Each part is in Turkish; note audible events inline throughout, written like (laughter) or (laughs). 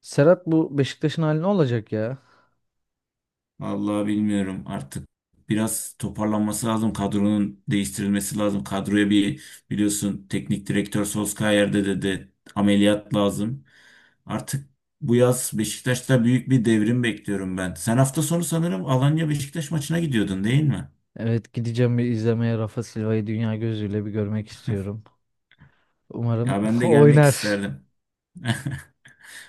Serhat, bu Beşiktaş'ın hali ne olacak ya? Vallahi bilmiyorum artık. Biraz toparlanması lazım. Kadronun değiştirilmesi lazım. Kadroya bir biliyorsun teknik direktör Solskjaer'de de dedi ameliyat lazım. Artık bu yaz Beşiktaş'ta büyük bir devrim bekliyorum ben. Sen hafta sonu sanırım Alanya Beşiktaş maçına gidiyordun değil mi? Evet, gideceğim bir izlemeye. Rafa Silva'yı dünya gözüyle bir görmek istiyorum. Umarım Ya ben (laughs) de gelmek oynar. isterdim. (laughs)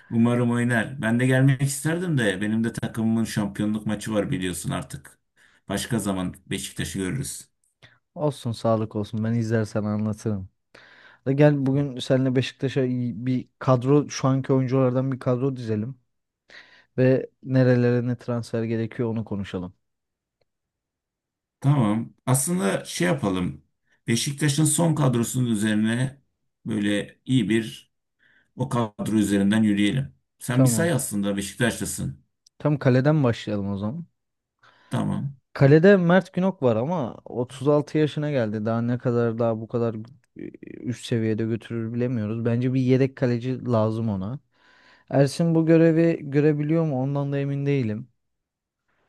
Umarım oynar. Ben de gelmek isterdim de benim de takımımın şampiyonluk maçı var biliyorsun artık. Başka zaman Beşiktaş'ı görürüz. Olsun, sağlık olsun, ben izler sana anlatırım. Da gel, bugün seninle Beşiktaş'a iyi bir kadro, şu anki oyunculardan bir kadro dizelim. Ve nerelere ne transfer gerekiyor onu konuşalım. Tamam. Aslında şey yapalım. Beşiktaş'ın son kadrosunun üzerine böyle iyi bir o kadro üzerinden yürüyelim. Sen bir say Tamam. aslında Beşiktaşlısın. Tam kaleden başlayalım o zaman. Tamam. Kalede Mert Günok var ama 36 yaşına geldi. Daha ne kadar daha bu kadar üst seviyede götürür bilemiyoruz. Bence bir yedek kaleci lazım ona. Ersin bu görevi görebiliyor mu? Ondan da emin değilim.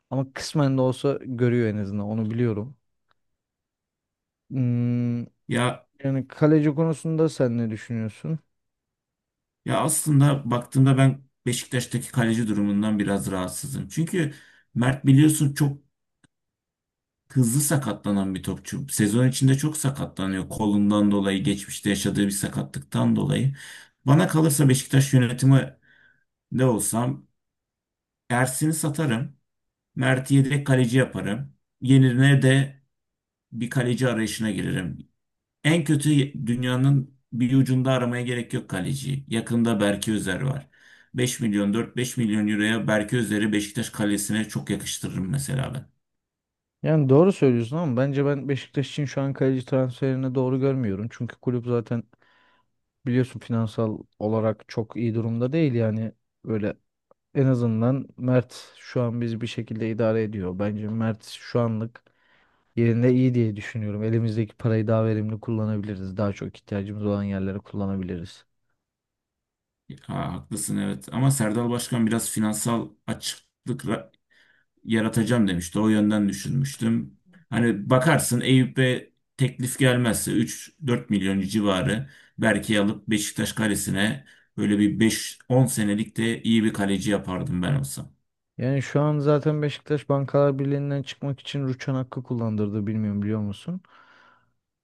Ama kısmen de olsa görüyor en azından. Onu biliyorum. Hmm, Ya yani kaleci konusunda sen ne düşünüyorsun? ya aslında baktığımda ben Beşiktaş'taki kaleci durumundan biraz rahatsızım. Çünkü Mert biliyorsun çok hızlı sakatlanan bir topçu. Sezon içinde çok sakatlanıyor. Kolundan dolayı, geçmişte yaşadığı bir sakatlıktan dolayı. Bana kalırsa Beşiktaş yönetimi de olsam Ersin'i satarım. Mert'i yedek kaleci yaparım. Yerine de bir kaleci arayışına girerim. En kötü dünyanın bir ucunda aramaya gerek yok kaleci. Yakında Berke Özer var. 5 milyon 4-5 milyon euroya Berke Özer'i Beşiktaş kalesine çok yakıştırırım mesela ben. Yani doğru söylüyorsun ama bence ben Beşiktaş için şu an kaleci transferini doğru görmüyorum. Çünkü kulüp zaten biliyorsun finansal olarak çok iyi durumda değil yani. Böyle en azından Mert şu an biz bir şekilde idare ediyor. Bence Mert şu anlık yerinde iyi diye düşünüyorum. Elimizdeki parayı daha verimli kullanabiliriz. Daha çok ihtiyacımız olan yerlere kullanabiliriz. Ha, haklısın evet ama Serdal Başkan biraz finansal açıklık yaratacağım demişti. O yönden düşünmüştüm. Hani bakarsın Eyüp'e teklif gelmezse 3-4 milyon civarı belki alıp Beşiktaş kalesine böyle bir 5-10 senelik de iyi bir kaleci yapardım ben olsam. Yani şu an zaten Beşiktaş Bankalar Birliği'nden çıkmak için rüçhan hakkı kullandırdı, bilmiyorum biliyor musun?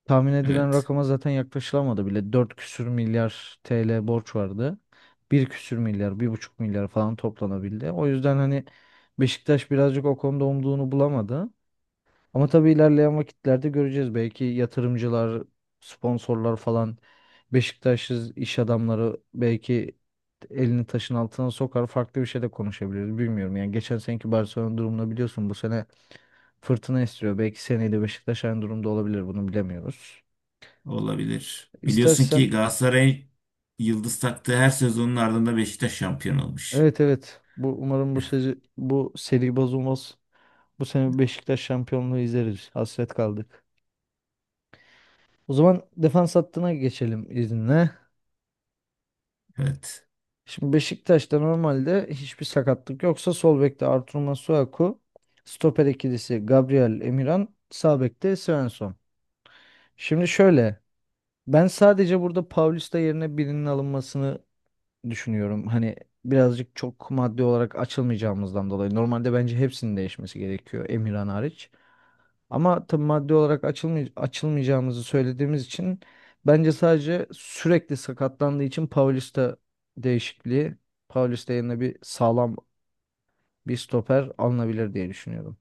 Tahmin edilen Evet, rakama zaten yaklaşılamadı bile. 4 küsür milyar TL borç vardı. 1 küsür milyar, 1,5 milyar falan toplanabildi. O yüzden hani Beşiktaş birazcık o konuda umduğunu bulamadı. Ama tabii ilerleyen vakitlerde göreceğiz. Belki yatırımcılar, sponsorlar falan, Beşiktaş'ız iş adamları belki elini taşın altına sokar. Farklı bir şey de konuşabiliriz. Bilmiyorum. Yani geçen seneki Barcelona durumunu biliyorsun. Bu sene fırtına istiyor. Belki seneye de Beşiktaş aynı durumda olabilir. Bunu bilemiyoruz. olabilir. Biliyorsun İstersen ki Galatasaray yıldız taktığı her sezonun ardında Beşiktaş şampiyon olmuş. evet, evet. Bu umarım bu seri bozulmaz. Bu sene Beşiktaş şampiyonluğu izleriz. Hasret kaldık. O zaman defans hattına geçelim izinle. Evet. Şimdi Beşiktaş'ta normalde hiçbir sakatlık yoksa sol bekte Artur Masuaku, stoper ikilisi Gabriel Emirhan, sağ bekte Svensson. Şimdi şöyle, ben sadece burada Paulista yerine birinin alınmasını düşünüyorum. Hani birazcık çok maddi olarak açılmayacağımızdan dolayı. Normalde bence hepsinin değişmesi gerekiyor, Emirhan hariç. Ama tabii maddi olarak açılmayacağımızı söylediğimiz için bence sadece sürekli sakatlandığı için Paulista değişikliği, Paulista yerine bir sağlam bir stoper alınabilir diye düşünüyorum.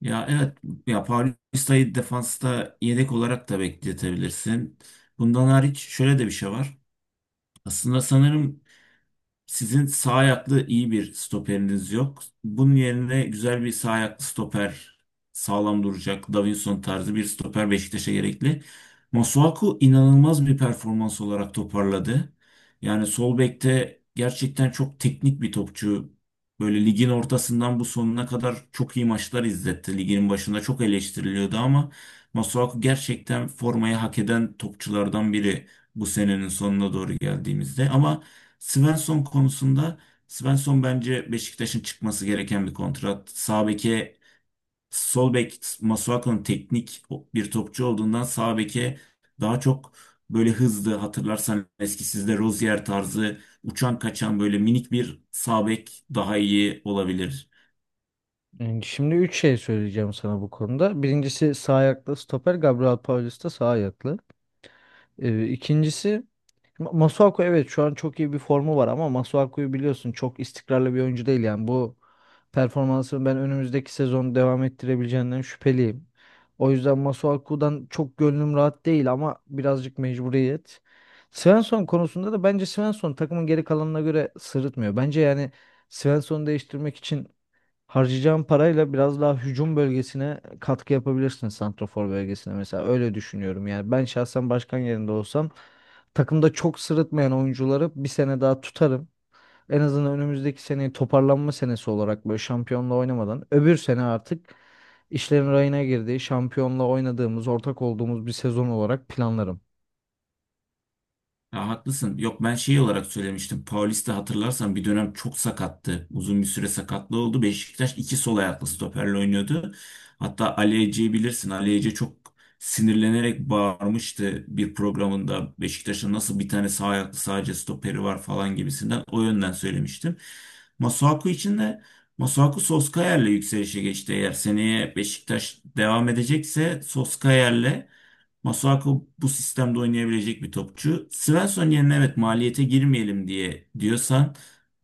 Ya evet ya Paulista'yı defansta yedek olarak da bekletebilirsin. Bundan hariç şöyle de bir şey var. Aslında sanırım sizin sağ ayaklı iyi bir stoperiniz yok. Bunun yerine güzel bir sağ ayaklı stoper, sağlam duracak, Davinson tarzı bir stoper Beşiktaş'a gerekli. Masuaku inanılmaz bir performans olarak toparladı. Yani sol bekte gerçekten çok teknik bir topçu. Böyle ligin ortasından bu sonuna kadar çok iyi maçlar izletti. Ligin başında çok eleştiriliyordu ama Masuaku gerçekten formayı hak eden topçulardan biri bu senenin sonuna doğru geldiğimizde. Ama Svensson konusunda Svensson bence Beşiktaş'ın çıkması gereken bir kontrat. Sağ beke sol bek Masuaku'nun teknik bir topçu olduğundan sağ beke daha çok böyle hızlı hatırlarsan eski sizde Rozier tarzı uçan kaçan böyle minik bir sağ bek daha iyi olabilir. Yani şimdi üç şey söyleyeceğim sana bu konuda. Birincisi sağ ayaklı stoper, Gabriel Paulista sağ ayaklı. İkincisi Masuaku, evet şu an çok iyi bir formu var ama Masuaku'yu biliyorsun, çok istikrarlı bir oyuncu değil yani. Bu performansını ben önümüzdeki sezon devam ettirebileceğinden şüpheliyim. O yüzden Masuaku'dan çok gönlüm rahat değil ama birazcık mecburiyet. Svensson konusunda da bence Svensson takımın geri kalanına göre sırıtmıyor. Bence yani Svensson'u değiştirmek için harcayacağın parayla biraz daha hücum bölgesine katkı yapabilirsin, santrafor bölgesine mesela. Öyle düşünüyorum yani. Ben şahsen başkan yerinde olsam takımda çok sırıtmayan oyuncuları bir sene daha tutarım. En azından önümüzdeki seneyi toparlanma senesi olarak, böyle şampiyonla oynamadan, öbür sene artık işlerin rayına girdiği, şampiyonla oynadığımız, ortak olduğumuz bir sezon olarak planlarım. Ya haklısın. Yok ben şey olarak söylemiştim. Paulista hatırlarsan bir dönem çok sakattı. Uzun bir süre sakatlığı oldu. Beşiktaş iki sol ayaklı stoperle oynuyordu. Hatta Ali Ece'yi bilirsin. Ali Ece çok sinirlenerek bağırmıştı bir programında. Beşiktaş'ın nasıl bir tane sağ ayaklı sadece stoperi var falan gibisinden. O yönden söylemiştim. Masuaku için de Masuaku Soskayer'le yükselişe geçti. Eğer seneye Beşiktaş devam edecekse Soskayer'le Masuako bu sistemde oynayabilecek bir topçu. Svensson yerine evet maliyete girmeyelim diye diyorsan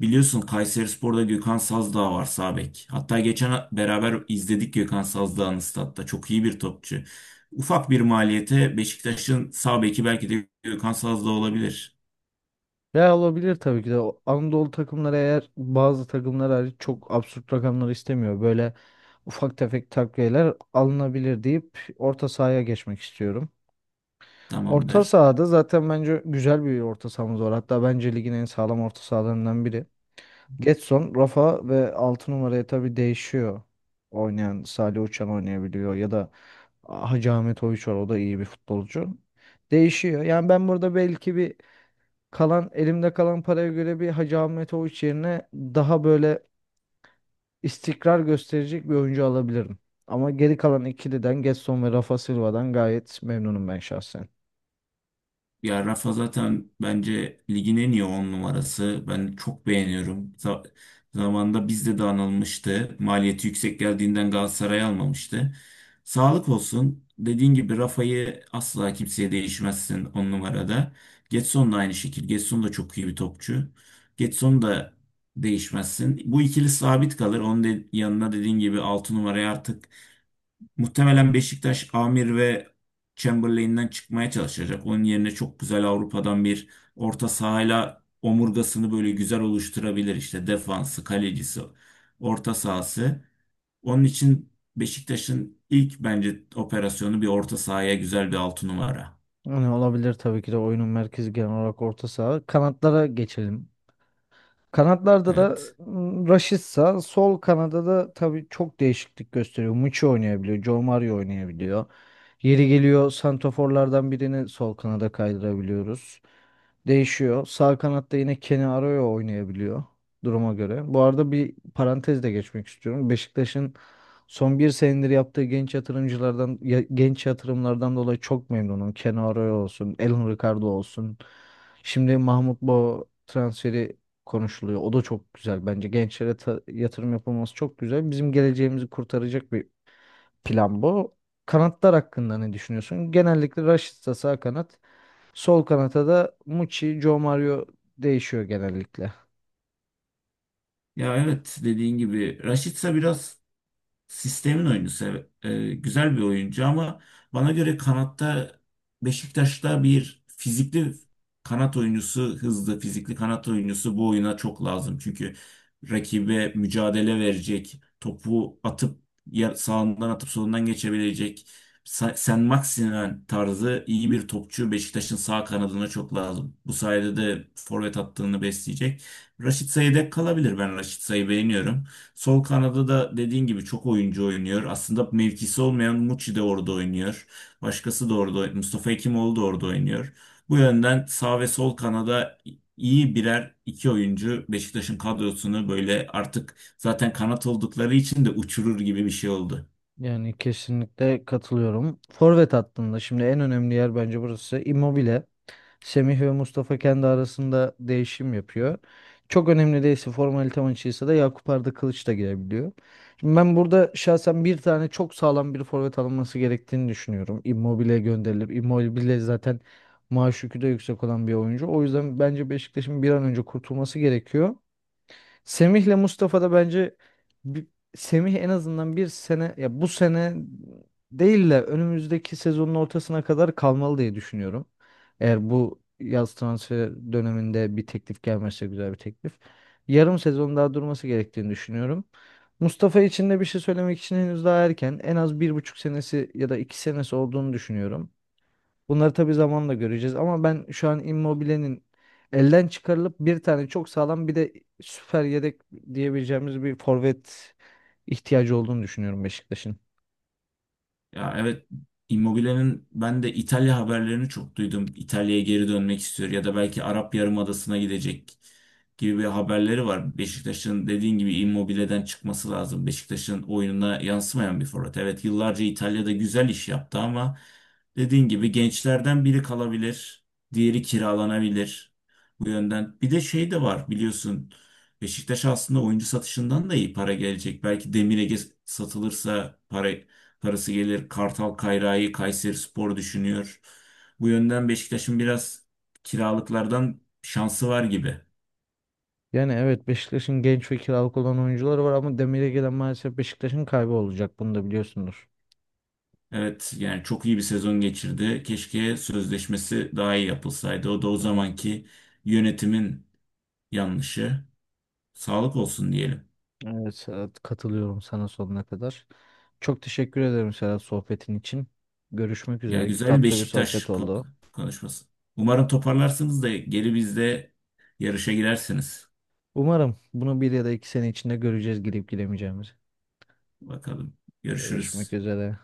biliyorsun Kayserispor'da Gökhan Sazdağ var sağ bek. Hatta geçen beraber izledik Gökhan Sazdağ'ın statta. Çok iyi bir topçu. Ufak bir maliyete Beşiktaş'ın sağ beki belki de Gökhan Sazdağ olabilir. Ya olabilir tabii ki de. O Anadolu takımları, eğer bazı takımlar hariç, çok absürt rakamlar istemiyor. Böyle ufak tefek takviyeler alınabilir deyip orta sahaya geçmek istiyorum. Orta Tamamdır. sahada zaten bence güzel bir orta sahamız var. Hatta bence ligin en sağlam orta sahalarından biri. Getson, Rafa ve 6 numaraya tabii değişiyor. Oynayan Salih Uçan oynayabiliyor ya da Hacı Ahmet Oyiç var. O da iyi bir futbolcu. Değişiyor. Yani ben burada belki bir kalan elimde kalan paraya göre bir Hacı Ahmet Oğuç yerine daha böyle istikrar gösterecek bir oyuncu alabilirim. Ama geri kalan ikiliden Gedson ve Rafa Silva'dan gayet memnunum ben şahsen. Ya Rafa zaten bence ligin en iyi 10 numarası. Ben çok beğeniyorum. Zamanında bizde de anılmıştı. Maliyeti yüksek geldiğinden Galatasaray almamıştı. Sağlık olsun. Dediğin gibi Rafa'yı asla kimseye değişmezsin 10 numarada. Getson da aynı şekilde. Getson da çok iyi bir topçu. Getson da değişmezsin. Bu ikili sabit kalır. Onun yanına dediğin gibi 6 numaraya artık muhtemelen Beşiktaş Amir ve Chamberlain'den çıkmaya çalışacak. Onun yerine çok güzel Avrupa'dan bir orta sahayla omurgasını böyle güzel oluşturabilir. İşte defansı, kalecisi, orta sahası. Onun için Beşiktaş'ın ilk bence operasyonu bir orta sahaya güzel bir 6 numara. Yani olabilir tabii ki de, oyunun merkezi genel olarak orta saha. Kanatlara geçelim. Kanatlarda da Evet. Rashica, sol kanada da tabii çok değişiklik gösteriyor. Muçi oynayabiliyor, Joe Mario oynayabiliyor. Yeri geliyor santraforlardan birini sol kanada kaydırabiliyoruz. Değişiyor. Sağ kanatta yine Kenny Arroyo oynayabiliyor duruma göre. Bu arada bir parantez de geçmek istiyorum. Beşiktaş'ın son bir senedir yaptığı genç yatırımlardan dolayı çok memnunum. Kenny Arroyo olsun, Elhun Ricardo olsun. Şimdi Mahmut Bo transferi konuşuluyor. O da çok güzel bence. Gençlere yatırım yapılması çok güzel. Bizim geleceğimizi kurtaracak bir plan bu. Kanatlar hakkında ne düşünüyorsun? Genellikle Rashica sağ kanat, sol kanata da Muçi, Joe Mario değişiyor genellikle. Ya evet dediğin gibi Raşitsa biraz sistemin oyuncusu. Evet. Güzel bir oyuncu ama bana göre kanatta Beşiktaş'ta bir fizikli kanat oyuncusu, hızlı fizikli kanat oyuncusu bu oyuna çok lazım. Çünkü rakibe mücadele verecek, topu atıp sağından atıp solundan geçebilecek sen Maximen tarzı iyi bir topçu Beşiktaş'ın sağ kanadına çok lazım. Bu sayede de forvet hattını besleyecek. Raşit Sayı dek kalabilir. Ben Raşit Say'ı beğeniyorum. Sol kanada da dediğin gibi çok oyuncu oynuyor. Aslında mevkisi olmayan Muçi de orada oynuyor. Başkası da orada, Mustafa Hekimoğlu da orada oynuyor. Bu yönden sağ ve sol kanada iyi birer iki oyuncu Beşiktaş'ın kadrosunu böyle artık zaten kanat oldukları için de uçurur gibi bir şey oldu. Yani kesinlikle katılıyorum. Forvet hattında şimdi en önemli yer bence burası. Immobile. Semih ve Mustafa kendi arasında değişim yapıyor. Çok önemli değilse, formalite maçıysa da Yakup Arda Kılıç da girebiliyor. Şimdi ben burada şahsen bir tane çok sağlam bir forvet alınması gerektiğini düşünüyorum. Immobile gönderilir. Immobile zaten maaş yükü de yüksek olan bir oyuncu. O yüzden bence Beşiktaş'ın bir an önce kurtulması gerekiyor. Semih'le Mustafa da bence bi- Semih en azından bir sene, ya bu sene değil de önümüzdeki sezonun ortasına kadar kalmalı diye düşünüyorum. Eğer bu yaz transfer döneminde bir teklif gelmezse, güzel bir teklif, yarım sezon daha durması gerektiğini düşünüyorum. Mustafa için de bir şey söylemek için henüz daha erken. En az 1,5 senesi ya da 2 senesi olduğunu düşünüyorum. Bunları tabii zamanla göreceğiz ama ben şu an Immobile'nin elden çıkarılıp bir tane çok sağlam, bir de süper yedek diyebileceğimiz bir forvet ihtiyacı olduğunu düşünüyorum Beşiktaş'ın. Ya evet Immobile'nin ben de İtalya haberlerini çok duydum. İtalya'ya geri dönmek istiyor ya da belki Arap Yarımadası'na gidecek gibi bir haberleri var. Beşiktaş'ın dediğin gibi Immobile'den çıkması lazım. Beşiktaş'ın oyununa yansımayan bir forvet. Evet yıllarca İtalya'da güzel iş yaptı ama dediğin gibi gençlerden biri kalabilir, diğeri kiralanabilir. Bu yönden bir de şey de var biliyorsun. Beşiktaş aslında oyuncu satışından da iyi para gelecek. Belki Demir satılırsa para karısı gelir Kartal Kayra'yı Kayserispor düşünüyor. Bu yönden Beşiktaş'ın biraz kiralıklardan şansı var gibi. Yani evet, Beşiktaş'ın genç ve kiralık olan oyuncuları var ama demire gelen maalesef Beşiktaş'ın kaybı olacak. Bunu da biliyorsundur. Evet yani çok iyi bir sezon geçirdi. Keşke sözleşmesi daha iyi yapılsaydı. O da o Ee, zamanki yönetimin yanlışı. Sağlık olsun diyelim. Evet Serhat, katılıyorum sana sonuna kadar. Çok teşekkür ederim Serhat, sohbetin için. Görüşmek Ya üzere. güzel bir Tatlı bir sohbet Beşiktaş oldu. konuşması. Umarım toparlarsınız da geri bizde yarışa girersiniz. Umarım bunu bir ya da 2 sene içinde göreceğiz, girip giremeyeceğimizi. Bakalım. Görüşmek Görüşürüz. üzere.